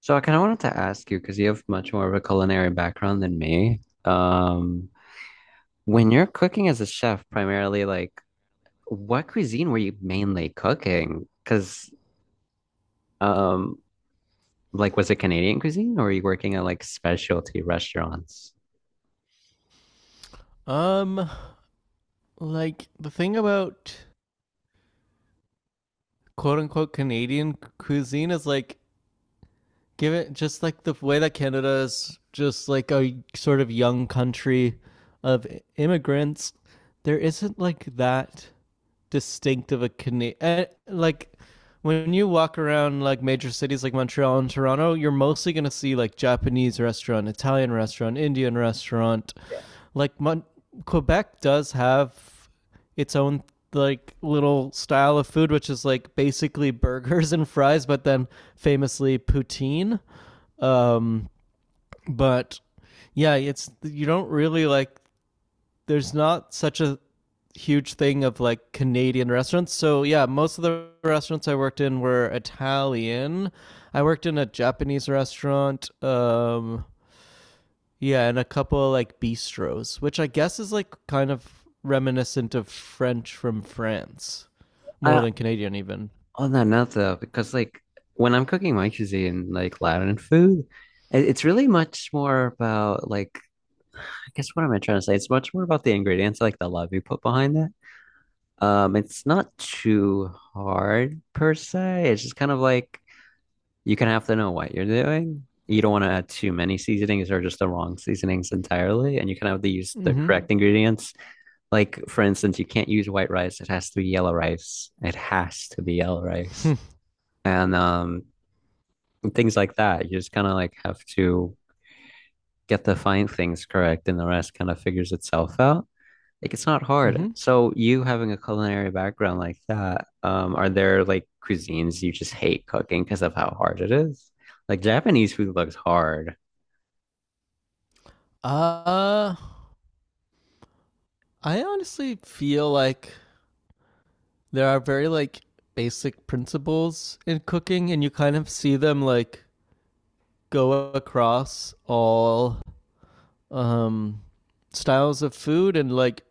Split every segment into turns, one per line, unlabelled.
So I kind of wanted to ask you because you have much more of a culinary background than me. When you're cooking as a chef, primarily, like what cuisine were you mainly cooking? Um, like, was it Canadian cuisine or were you working at like specialty restaurants?
Um, like the thing about quote unquote Canadian cuisine is like give it just like the way that Canada is just like a sort of young country of immigrants. There isn't like that distinctive a Canadian like when you walk around like major cities like Montreal and Toronto, you're mostly gonna see like Japanese restaurant, Italian restaurant, Indian restaurant, like Mon- Quebec does have its own like little style of food, which is like basically burgers and fries, but then famously poutine. Um, but yeah, it's you don't really like. There's not such a huge thing of like Canadian restaurants. So yeah, most of the restaurants I worked in were Italian. I worked in a Japanese restaurant. Yeah, and a couple of like bistros, which I guess is like kind of reminiscent of French from France, more
I,
than Canadian even.
On that note, though, because like when I'm cooking my cuisine, like Latin food, it's really much more about like I guess what am I trying to say? It's much more about the ingredients, like the love you put behind it. It's not too hard per se. It's just kind of like you kind of have to know what you're doing. You don't want to add too many seasonings or just the wrong seasonings entirely, and you kind of have to use the
Mm-hmm.
correct ingredients. Like for instance, you can't use white rice. It has to be yellow rice. It has to be yellow rice. And um, and things like that. You just kind of like have to get the fine things correct, and the rest kind of figures itself out. Like it's not hard.
Mm-hmm.
So you having a culinary background like that, are there like cuisines you just hate cooking because of how hard it is? Like Japanese food looks hard.
Uh, I honestly feel like there are very like basic principles in cooking, and you kind of see them like go across all um styles of food, and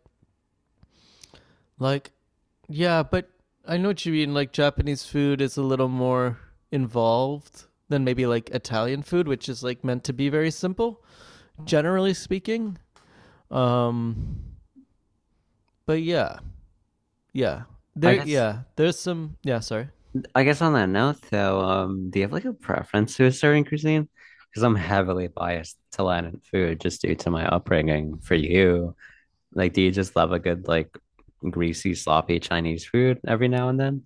like yeah, but I know what you mean. Like Japanese food is a little more involved than maybe like Italian food, which is like meant to be very simple, generally speaking. Um, but yeah,
I
there,
guess
yeah, there's some. Yeah, sorry.
I guess on that note though, do you have like a preference to a certain cuisine? Because I'm heavily biased to Latin food just due to my upbringing. For you, like, do you just love a good, like, greasy, sloppy Chinese food every now and then?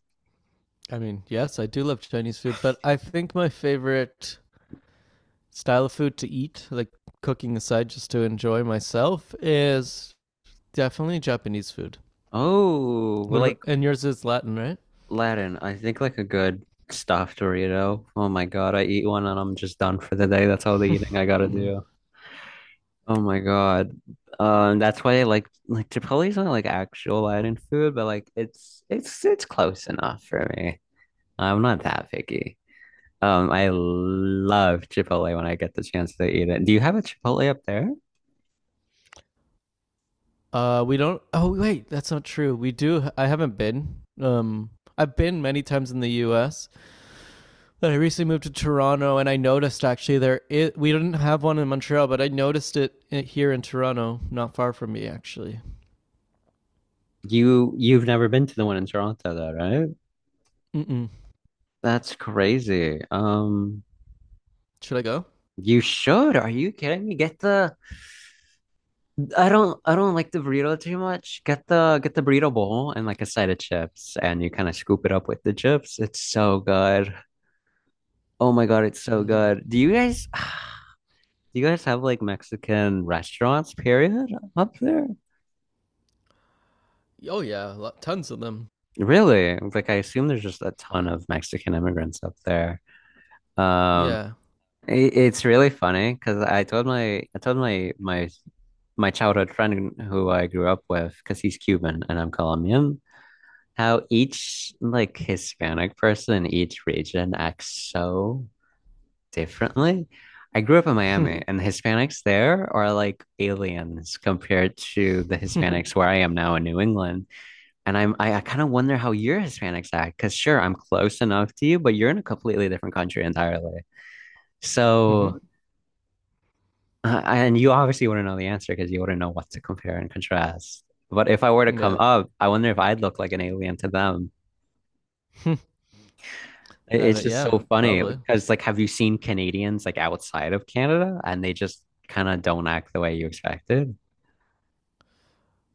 I mean, yes, I do love Chinese food, but I think my favorite style of food to eat, like cooking aside, just to enjoy myself, is definitely Japanese food.
Oh, well,
What about
like
and yours is Latin,
Latin, I think like a good stuffed Dorito. Oh my God, I eat one and I'm just done for the day. That's all the
right?
eating I gotta do. Oh my God. That's why I like chipotle is not like actual Latin food, but like it's it's close enough for me. I'm not that picky. I love Chipotle when I get the chance to eat it. Do you have a Chipotle up there?
We don't. Oh wait, that's not true. We do. I haven't been. I've been many times in the U.S., but I recently moved to Toronto, and I noticed actually there it we didn't have one in Montreal, but I noticed it here in Toronto, not far from me actually.
You've never been to the one in Toronto though, right?
Mm-mm.
That's crazy.
Should I go?
You should. Are you kidding me? Get the I don't like the burrito too much. Get the burrito bowl and like a side of chips and you kind of scoop it up with the chips. It's so good. Oh my God, it's so
I'm gonna.
good. Do you guys do you guys have like Mexican restaurants, period, up there?
Oh yeah, tons of them.
Really? Like I assume there's just a ton of Mexican immigrants up there. Um,
Yeah.
it, it's really funny because I told my my my childhood friend who I grew up with because he's Cuban and I'm Colombian, how each like Hispanic person in each region acts so differently. I grew up in Miami, and the Hispanics there are like aliens compared to the
Mm-hmm.
Hispanics where I am now in New England. And I kind of wonder how your Hispanics act, because sure, I'm close enough to you, but you're in a completely different country entirely. So, and you obviously wouldn't know the answer because you wouldn't know what to compare and contrast. But if I were to come
Yeah.
up, I wonder if I'd look like an alien to them.
I
It's
don't.
just
Yeah,
so funny
probably.
because, like, have you seen Canadians like outside of Canada and they just kind of don't act the way you expected?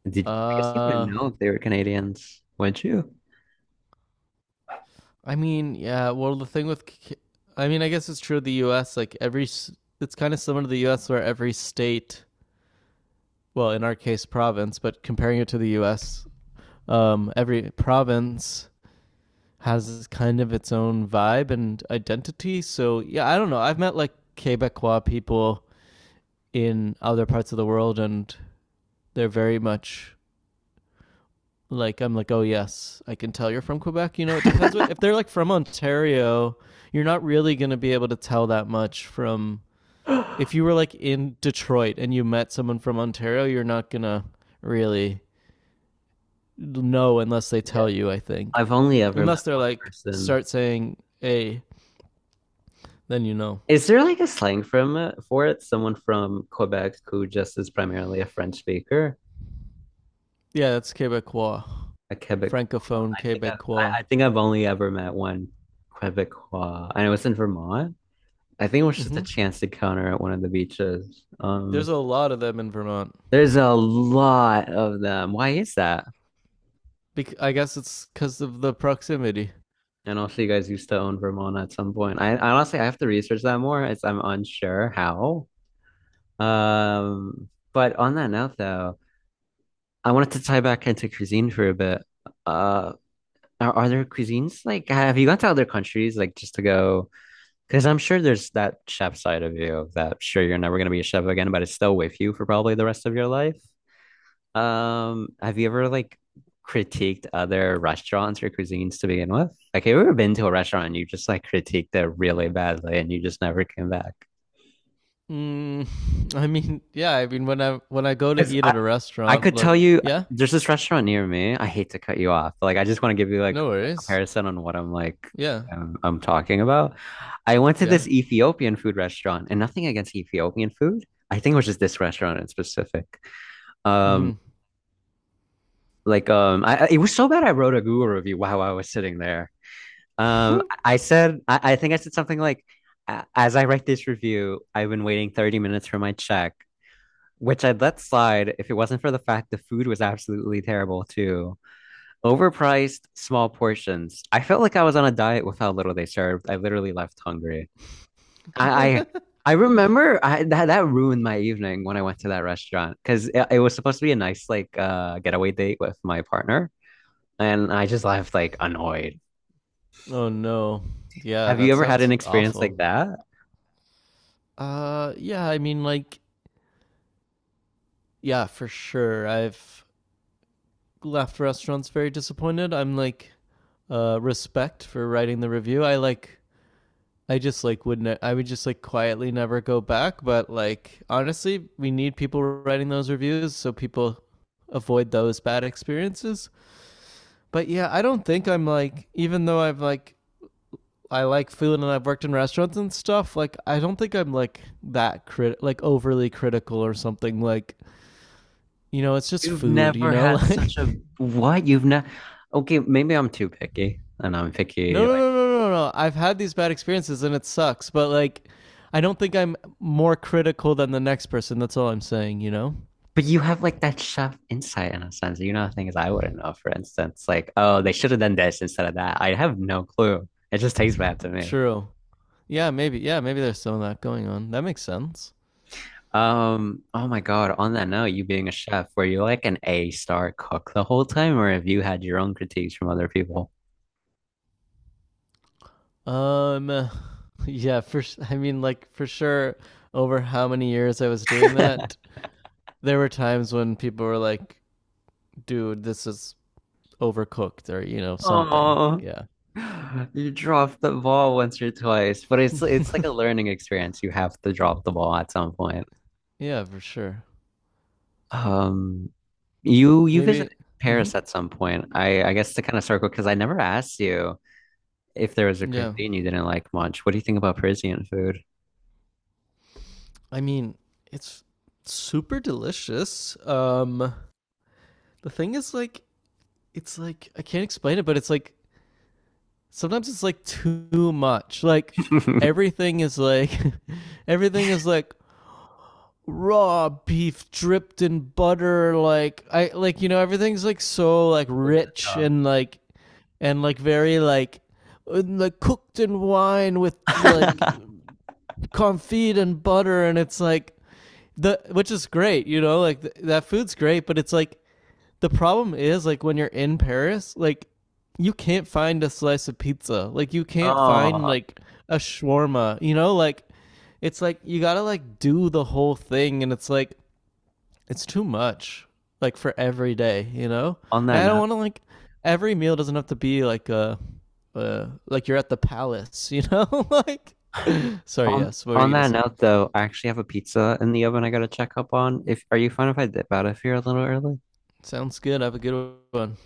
Did I guess you wouldn't
Uh,
know if they were Canadians, would you?
I mean, yeah. Well, I mean, I guess it's true of the U.S. Like every, it's kind of similar to the U.S. where every state, well, in our case, province, but comparing it to the U.S., every province has kind of its own vibe and identity. So yeah, I don't know. I've met like Quebecois people in other parts of the world, and they're very much like I'm like, oh yes, I can tell you're from Quebec. You know, it depends what if they're like from Ontario, you're not really gonna be able to tell that much from if you were like in Detroit and you met someone from Ontario, you're not gonna really know unless they
Yeah.
tell you, I think.
I've only ever met
Unless they're
one
like
person.
start saying A, then you know.
Is there like a slang from it for it? Someone from Quebec who just is primarily a French speaker,
Yeah, that's Quebecois.
a Quebecois.
Francophone Quebecois.
I think I've only ever met one Quebecois, and it was in Vermont. I think it was just a
Hmm.
chance encounter at one of the beaches.
There's a lot of them in Vermont.
There's a lot of them. Why is that?
I guess it's because of the proximity.
And also, you guys used to own Vermont at some point. I honestly, I have to research that more. It's, I'm unsure how. Um, but on that note, though, I wanted to tie back into cuisine for a bit. Uh, are there cuisines like have you gone to other countries like just to go? Because I'm sure there's that chef side of you that sure you're never going to be a chef again, but it's still with you for probably the rest of your life. Have you ever like critiqued other restaurants or cuisines to begin with? Like, have you ever been to a restaurant and you just like critiqued it really badly and you just never came back?
Mm, I mean, yeah. I mean, when I go to
Because
eat at a
I
restaurant,
could
like,
tell you
yeah,
there's this restaurant near me. I hate to cut you off, but like I just want to give you like
no
a
worries.
comparison on what I'm like
Yeah,
I'm talking about. I went to
yeah.
this Ethiopian food restaurant and nothing against Ethiopian food. I think it was just this restaurant in specific. Um
Hmm.
like it was so bad I wrote a Google review while I was sitting there. I think I said something like, as I write this review, I've been waiting 30 minutes for my check, which I'd let slide if it wasn't for the fact the food was absolutely terrible too. Overpriced, small portions. I felt like I was on a diet with how little they served. I literally left hungry. I, I I remember that that ruined my evening when I went to that restaurant because it was supposed to be a nice like getaway date with my partner, and I just left like annoyed.
Oh no. Yeah,
Have you
that
ever had an
sounds
experience
awful.
like that?
Yeah. I mean, like, yeah, for sure. I've left restaurants very disappointed. I'm like, respect for writing the review. I like I just like would not I would just like quietly never go back. But like honestly, we need people writing those reviews so people avoid those bad experiences. But yeah, I don't think I'm like even though I've like I like food and I've worked in restaurants and stuff, like I don't think I'm like that crit like overly critical or something like you know, it's just
You've
food, you
never
know?
had
Like
such a what? You've never Okay, maybe I'm too picky and I'm picky
no no
like
no no no no. I've had these bad experiences and it sucks, but like I don't think I'm more critical than the next person. That's all I'm saying, you know?
but you have like that chef insight in a sense. You know things I wouldn't know, for instance. Like, oh, they should have done this instead of that. I have no clue. It just tastes bad to me.
True. Yeah, maybe. Yeah, maybe there's some of that going on. That makes sense.
Oh my God, on that note, you being a chef, were you like an A star cook the whole time, or have you had your own critiques from other people?
Um, yeah, I mean, like for sure, over how many years I was doing that, there were times when people were like, "Dude, this is overcooked," or you know, something.
Oh,
Yeah.
you dropped the ball once or twice, but it's like a learning experience. You have to drop the ball at some point.
Yeah, for sure.
Um, you
Maybe.
visited
Hmm.
Paris at some point. I guess to kind of circle because I never asked you if there was a
Yeah.
cuisine you didn't like much. What do you think about Parisian food?
I mean, it's super delicious. The thing is, like, it's like I can't explain it, but it's like sometimes it's like too much. Like everything is like everything is like raw beef dripped in butter like I like you know everything's like so like
Over the
rich
top.
and like very like cooked in wine with like confit and butter and it's like the which is great, you know, like that food's great, but it's like the problem is like when you're in Paris, like you can't find a slice of pizza. Like you can't find
Oh,
like a shawarma. You know, like it's like you gotta like do the whole thing, and it's like it's too much. Like for every day, you know.
on
And
that
I don't
note,
want to like every meal doesn't have to be like a. Like you're at the palace, you know. Like, sorry, yes. What were
on
you gonna
that
say?
note though, I actually have a pizza in the oven I gotta check up on. If are you fine if I dip out of here a little early?
Sounds good. Have a good one.